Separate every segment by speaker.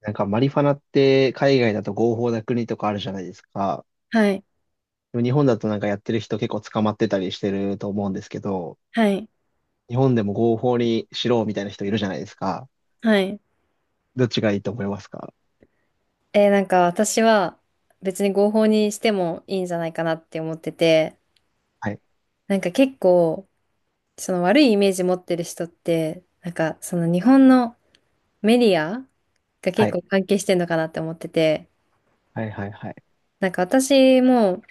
Speaker 1: なんかマリファナって海外だと合法な国とかあるじゃないですか。
Speaker 2: はい、
Speaker 1: でも日本だとなんかやってる人結構捕まってたりしてると思うんですけど、
Speaker 2: はい、
Speaker 1: 日本でも合法にしろみたいな人いるじゃないですか。
Speaker 2: はい。
Speaker 1: どっちがいいと思いますか？
Speaker 2: 私は別に合法にしてもいいんじゃないかなって思ってて、
Speaker 1: はい。
Speaker 2: 結構その悪いイメージ持ってる人って、その日本のメディアが
Speaker 1: は
Speaker 2: 結
Speaker 1: い。
Speaker 2: 構関係してんのかなって思ってて、
Speaker 1: はい。はい。はい。
Speaker 2: 私も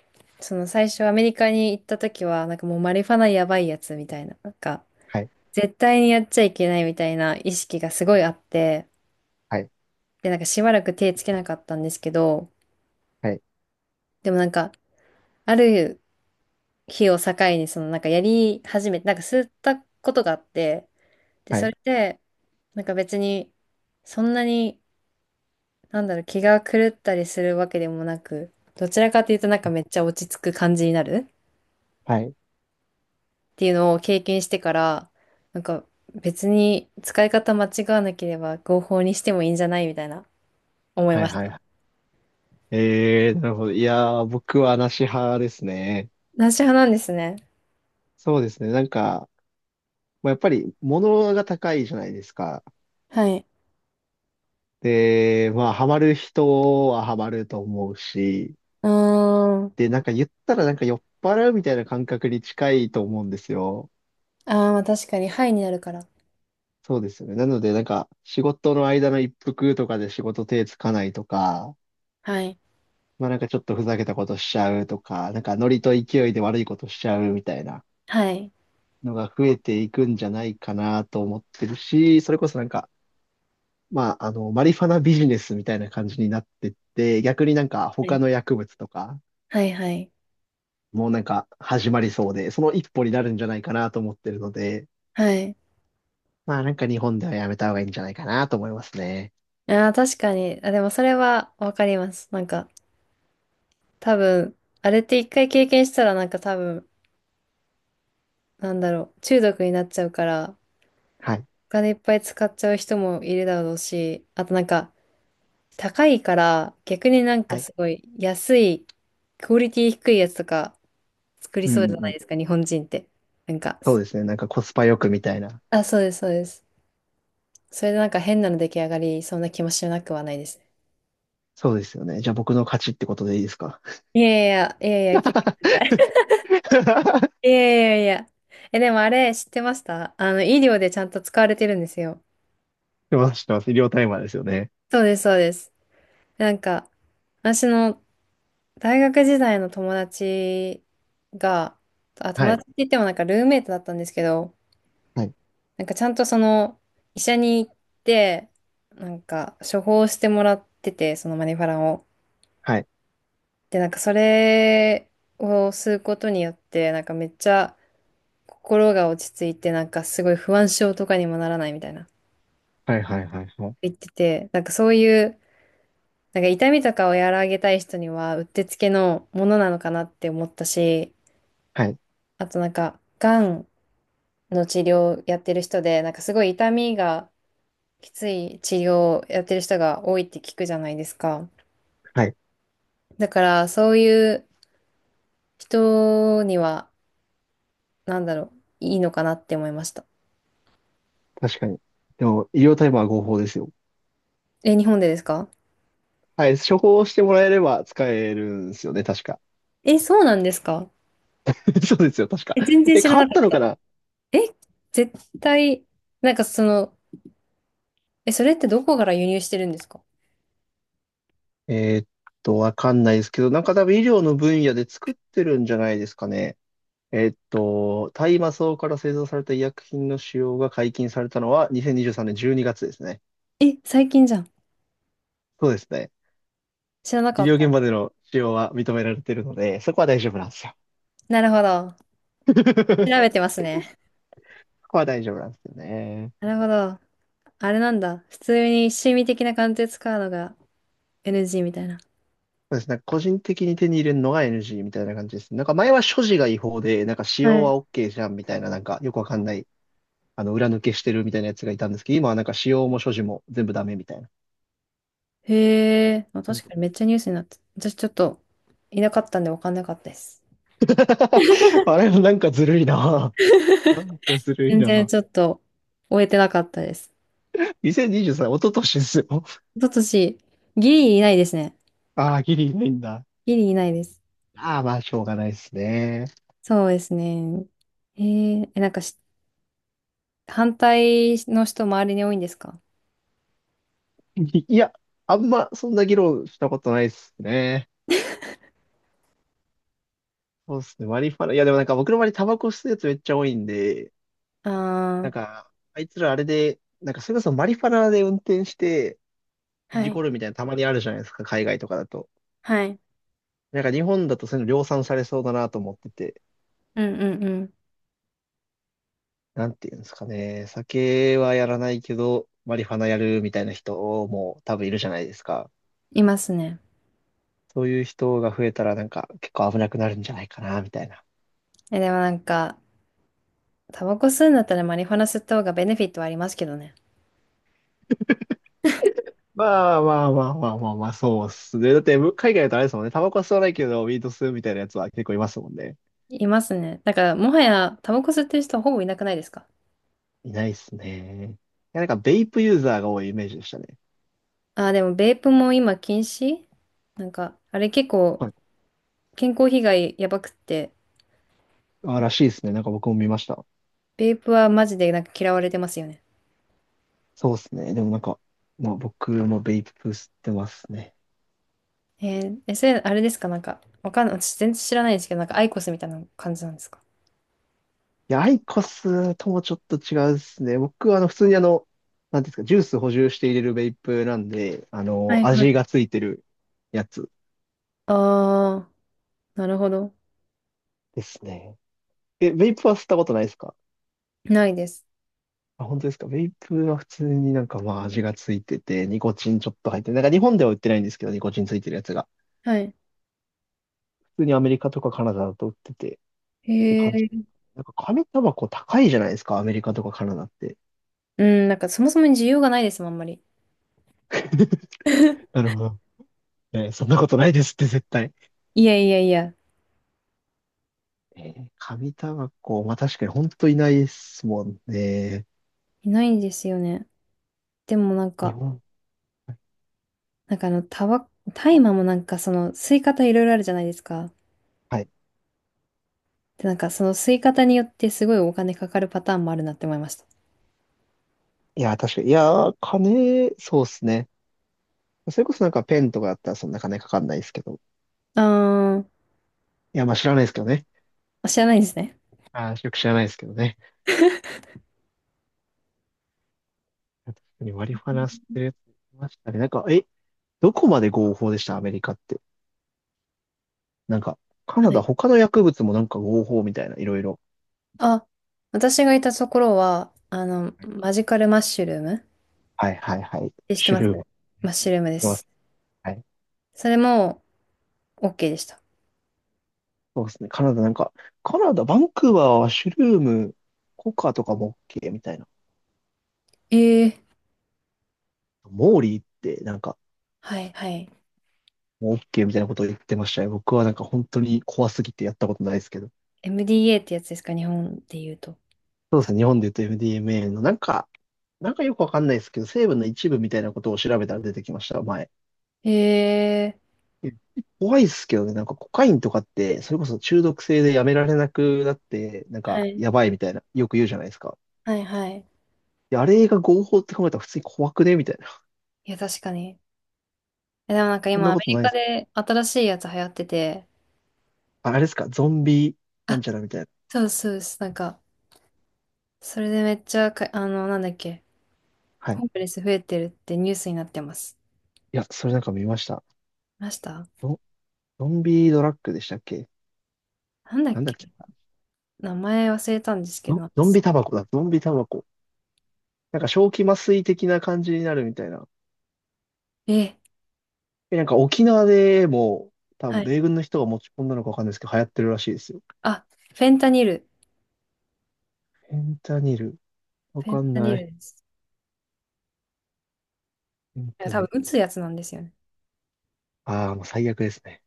Speaker 2: その最初アメリカに行った時はもうマリファナやばいやつみたいな、
Speaker 1: はい。
Speaker 2: 絶対にやっちゃいけないみたいな意識がすごいあって、
Speaker 1: はい。
Speaker 2: でしばらく手つけなかったんですけど、
Speaker 1: はい。
Speaker 2: でもある日を境に、そのやり始めて、吸ったことがあって、で、
Speaker 1: は
Speaker 2: そ
Speaker 1: い。
Speaker 2: れで、別に、そんなに、なんだろう、気が狂ったりするわけでもなく、どちらかというとめっちゃ落ち着く感じになるっ
Speaker 1: はい。はい。
Speaker 2: ていうのを経験してから、なんか別に使い方間違わなければ合法にしてもいいんじゃないみたいな思い
Speaker 1: はい
Speaker 2: まし
Speaker 1: は
Speaker 2: た。
Speaker 1: い。なるほど。いやー、僕はなし派ですね。
Speaker 2: なし派なんですね。
Speaker 1: そうですね。なんか、まあ、やっぱり物が高いじゃないですか。
Speaker 2: はい。
Speaker 1: で、まあ、ハマる人はハマると思うし、
Speaker 2: うーん。
Speaker 1: で、なんか言ったらなんか酔っ払うみたいな感覚に近いと思うんですよ。
Speaker 2: ああ、まあ確かに、はいになるから。
Speaker 1: そうですよね。なので、なんか仕事の間の一服とかで仕事手つかないとか、
Speaker 2: はい。
Speaker 1: まあなんかちょっとふざけたことしちゃうとか、なんかノリと勢いで悪いことしちゃうみたいな
Speaker 2: はい。
Speaker 1: のが増えていくんじゃないかなと思ってるし、それこそなんか、まああの、マリファナビジネスみたいな感じになってって、逆になんか
Speaker 2: は
Speaker 1: 他
Speaker 2: い。
Speaker 1: の薬物とか、
Speaker 2: はい。はい。
Speaker 1: もうなんか始まりそうで、その一歩になるんじゃないかなと思ってるので、
Speaker 2: はい。
Speaker 1: まあなんか日本ではやめた方がいいんじゃないかなと思いますね。
Speaker 2: ああ、確かに。あ、でもそれはわかります。なんか、多分、あれって一回経験したら多分、なんだろう、中毒になっちゃうから、
Speaker 1: はい。
Speaker 2: お金いっぱい使っちゃう人もいるだろうし、あと、高いから、逆に
Speaker 1: はい。
Speaker 2: すごい安い、クオリティ低いやつとか作り
Speaker 1: う
Speaker 2: そう
Speaker 1: ん
Speaker 2: じゃ
Speaker 1: うんう
Speaker 2: ない
Speaker 1: ん。
Speaker 2: ですか、日本人って。なんか、
Speaker 1: そうですね。なんかコスパよくみたいな。
Speaker 2: あ、そうです、そうです。それで変なの出来上がりそうな気もしなくはないですね。
Speaker 1: そうですよね。じゃあ僕の勝ちってことでいいですか？
Speaker 2: いやいやいや、いや
Speaker 1: し
Speaker 2: いや、聞いてください。 いやいやいや。え、でもあれ知ってました？あの、医療でちゃんと使われてるんですよ。
Speaker 1: てます、してます。医療タイマーですよね。
Speaker 2: そうです、そうです。なんか、私の大学時代の友達が、あ、友
Speaker 1: は
Speaker 2: 達
Speaker 1: い。
Speaker 2: って言ってもルームメイトだったんですけど、
Speaker 1: はい。
Speaker 2: ちゃんとその、医者に行って、処方してもらってて、そのマニファランを。
Speaker 1: はい。
Speaker 2: で、それを吸うことによって、めっちゃ心が落ち着いて、すごい不安症とかにもならないみたいな。
Speaker 1: はい、はい、はい、はい。
Speaker 2: 言ってて、そういう、痛みとかを和らげたい人にはうってつけのものなのかなって思ったし、
Speaker 1: はい。
Speaker 2: あと、がんの治療やってる人で、すごい痛みがきつい治療をやってる人が多いって聞くじゃないですか。
Speaker 1: はい。
Speaker 2: だからそういう人には、なんだろう、いいのかなって思いました。
Speaker 1: 確かに。でも、医療タイマーは合法ですよ。
Speaker 2: え、日本でですか？
Speaker 1: はい。処方してもらえれば使えるんですよね、確か。
Speaker 2: え、そうなんですか？
Speaker 1: そうですよ、確か。
Speaker 2: え、全然
Speaker 1: え、
Speaker 2: 知ら
Speaker 1: 変わ
Speaker 2: な
Speaker 1: っ
Speaker 2: かっ
Speaker 1: たのか
Speaker 2: た。
Speaker 1: な？
Speaker 2: え、絶対、その、え、それってどこから輸入してるんですか？
Speaker 1: えーっわかんないですけど、なんか多分医療の分野で作ってるんじゃないですかね。えっと、大麻草から製造された医薬品の使用が解禁されたのは2023年12月ですね。
Speaker 2: え、最近じゃん。
Speaker 1: そうですね。
Speaker 2: 知らな
Speaker 1: 医
Speaker 2: かっ
Speaker 1: 療現
Speaker 2: た。
Speaker 1: 場での使用は認められているので、そこは大丈夫なんですよ。
Speaker 2: なるほど。調 べてますね。
Speaker 1: そこは大丈夫なんですよね。
Speaker 2: なるほど。あれなんだ。普通に趣味的な感じで使うのが NG みたいな。
Speaker 1: そうですね。個人的に手に入れるのが NG みたいな感じですね。なんか前は所持が違法で、なんか使用
Speaker 2: はい。
Speaker 1: は OK じゃんみたいな、なんかよくわかんない、あの、裏抜けしてるみたいなやつがいたんですけど、今はなんか使用も所持も全部ダメみたいな
Speaker 2: へえ、まあ、
Speaker 1: 感
Speaker 2: 確
Speaker 1: じ
Speaker 2: かにめっ
Speaker 1: で。
Speaker 2: ちゃニュースになって。私ちょっといなかったんで分かんなかったです。
Speaker 1: あれ、なんかずるいな。なんかずるい
Speaker 2: 全然
Speaker 1: な。
Speaker 2: ちょっと終えてなかったです。
Speaker 1: 2023、一昨年ですよ。
Speaker 2: 一昨年、ギリいないですね。
Speaker 1: ああ、ギリないんだ。
Speaker 2: ギリいないです。
Speaker 1: ああ、まあ、しょうがないですね。
Speaker 2: そうですね。へえ、え、なんかし、反対の人周りに多いんですか？
Speaker 1: いいや、あんま、そんな議論したことないですね。そうですね、マリファナ。いや、でもなんか僕の周りタバコ吸うやつめっちゃ多いんで、
Speaker 2: ああ
Speaker 1: なん
Speaker 2: ー、
Speaker 1: か、あいつらあれで、なんかそれこそマリファナで運転して
Speaker 2: は
Speaker 1: 事故
Speaker 2: い。
Speaker 1: るみたいなたまにあるじゃないですか、海外とかだと。
Speaker 2: はい。
Speaker 1: なんか日本だとそういうの量産されそうだなと思ってて、
Speaker 2: うんうん。
Speaker 1: なんていうんですかね、酒はやらないけど、マリファナやるみたいな人も多分いるじゃないですか。
Speaker 2: いますね。
Speaker 1: そういう人が増えたらなんか結構危なくなるんじゃないかな、みたいな。
Speaker 2: え、でも、タバコ吸うんだったらマリファナ吸った方がベネフィットはありますけどね。
Speaker 1: まあまあまあまあまあまあ、そうっすね。だって、む海外だとあれですもんね。タバコは吸わないけど、ウィード吸うみたいなやつは結構いますもんね。
Speaker 2: いますね。だから、もはやタバコ吸ってる人はほぼいなくないですか？
Speaker 1: いないっすね。いや、なんか、ベイプユーザーが多いイメージでしたね。
Speaker 2: ああ、でもベープも今禁止。なんか、あれ結構
Speaker 1: はい。
Speaker 2: 健康被害やばくって、
Speaker 1: あ、らしいですね。なんか僕も見ました。
Speaker 2: ベープはマジで嫌われてますよね。
Speaker 1: そうっすね。でもなんか、まあ僕もベイプ吸ってますね。
Speaker 2: えー、え、それ、あれですか？なんか、わかんない。私全然知らないですけど、なんかアイコスみたいな感じなんですか？
Speaker 1: いや、アイコスともちょっと違うっすね。僕はあの、普通にあの、なんていうんですか、ジュース補充して入れるベイプなんで、あ
Speaker 2: は
Speaker 1: の、
Speaker 2: いはい。
Speaker 1: 味がついてるやつ。
Speaker 2: ああ、なるほど。
Speaker 1: ですね。え、ベイプは吸ったことないですか？
Speaker 2: ないです。
Speaker 1: あ、本当ですか？ベイプは普通になんかまあ味がついてて、ニコチンちょっと入ってて、なんか日本では売ってないんですけど、ニコチンついてるやつが。
Speaker 2: はい。
Speaker 1: 普通にアメリカとかカナダだと売っててって
Speaker 2: へ
Speaker 1: 感じ。
Speaker 2: え。
Speaker 1: なんか紙タバコ高いじゃないですか、アメリカとかカナダって。
Speaker 2: うん、なんかそもそも需要がないですもん、あんまり。
Speaker 1: なるほど。えーそんなことないですって絶対。
Speaker 2: いやいやいや、
Speaker 1: えー紙タバコ、まあ確かに本当いないですもんね。
Speaker 2: いないんですよね。でもなん
Speaker 1: 日
Speaker 2: か、
Speaker 1: 本。
Speaker 2: なんかあの、タバ、大麻もその、吸い方いろいろあるじゃないですか。
Speaker 1: はい。
Speaker 2: で、その吸い方によってすごいお金かかるパターンもあるなって思いました。
Speaker 1: いや、確かに。いや、金、そうっすね。それこそなんかペンとかだったらそんな金かかんないですけど。
Speaker 2: あー、
Speaker 1: いや、まあ知らないですけどね。
Speaker 2: あ知らないんですね。
Speaker 1: あーよく知らないですけどね。確かにマリファナ吸ってるやついましたね。なんか、え、どこまで合法でしたアメリカって。なんか、カナ
Speaker 2: は
Speaker 1: ダ
Speaker 2: い。
Speaker 1: 他の薬物もなんか合法みたいな、いろいろ。
Speaker 2: あ、私がいたところは、あの、
Speaker 1: は
Speaker 2: マジカルマッシュルームっ
Speaker 1: いはいはい。
Speaker 2: て知って
Speaker 1: シュ
Speaker 2: ます？
Speaker 1: ルーム。
Speaker 2: マッシュルームで
Speaker 1: いま
Speaker 2: す。
Speaker 1: す。はい。
Speaker 2: それも OK でした。
Speaker 1: そうですね。カナダなんか、カナダ、バンクーバーはシュルーム、コカとかも OK みたいな。
Speaker 2: ええ。
Speaker 1: モーリーってなんか、
Speaker 2: はい、はい。
Speaker 1: もう OK みたいなことを言ってましたよ。僕はなんか本当に怖すぎてやったことないですけど。
Speaker 2: MDA ってやつですか、日本で言うと。
Speaker 1: そうです
Speaker 2: た、
Speaker 1: ね。日本で言うと MDMA のなんか、なんかよくわかんないですけど、成分の一部みたいなことを調べたら出てきました、前。
Speaker 2: ええ、
Speaker 1: え怖いですけどね、なんかコカインとかって、それこそ中毒性でやめられなくなって、なん
Speaker 2: は
Speaker 1: か
Speaker 2: い、
Speaker 1: やばいみたいな、よく言うじゃないですか。
Speaker 2: はい、はい。
Speaker 1: いやあれが合法って考えたら普通に怖くねみたいな。
Speaker 2: いや、確かに。え、でもなんか
Speaker 1: そん
Speaker 2: 今
Speaker 1: な
Speaker 2: ア
Speaker 1: こ
Speaker 2: メ
Speaker 1: と
Speaker 2: リ
Speaker 1: ないで
Speaker 2: カ
Speaker 1: すか。
Speaker 2: で新しいやつ流行ってて、
Speaker 1: ああれですか、ゾンビなん
Speaker 2: あ、
Speaker 1: ちゃらみたいな。
Speaker 2: そうですそうです。なんか、それでめっちゃか、あの、なんだっけ、
Speaker 1: はい。い
Speaker 2: ホームレス増えてるってニュースになってます。
Speaker 1: や、それなんか見ました。
Speaker 2: 見ました？
Speaker 1: ゾゾンビドラッグでしたっけ？
Speaker 2: なんだっ
Speaker 1: なんだっ
Speaker 2: け、
Speaker 1: け？
Speaker 2: 名前忘れたんですけど、
Speaker 1: ゾ
Speaker 2: なんか
Speaker 1: ゾンビ
Speaker 2: す、
Speaker 1: タバコだ、ゾンビタバコ。なんか正気麻酔的な感じになるみたいな。
Speaker 2: え、
Speaker 1: え、なんか沖縄でも、多分
Speaker 2: はい。
Speaker 1: 米軍の人が持ち込んだのかわかんないですけど、流行ってるらしいですよ。
Speaker 2: あ、フェンタニル。
Speaker 1: フェンタニル。わ
Speaker 2: フェン
Speaker 1: かん
Speaker 2: タ
Speaker 1: な
Speaker 2: ニ
Speaker 1: い。
Speaker 2: ルです。
Speaker 1: フェン
Speaker 2: いや、
Speaker 1: タニ
Speaker 2: 多分
Speaker 1: ル。
Speaker 2: 打つやつなんですよね。
Speaker 1: ああ、もう最悪ですね。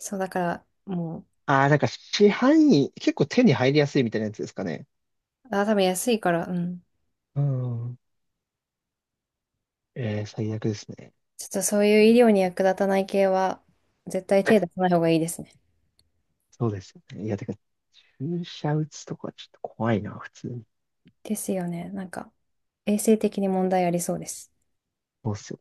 Speaker 2: そう、だから、も
Speaker 1: ああ、なんか市販に結構手に入りやすいみたいなやつですかね。
Speaker 2: う、あ、多分安いから、うん。
Speaker 1: うん。えー、最悪ですね。
Speaker 2: ちょっとそういう医療に役立たない系は、絶対手出さない方がいいですね。
Speaker 1: そうですよね。いや、てか、注射打つとかちょっと怖いな、普通に。
Speaker 2: ですよね。なんか、衛生的に問題ありそうです。
Speaker 1: そうっすよ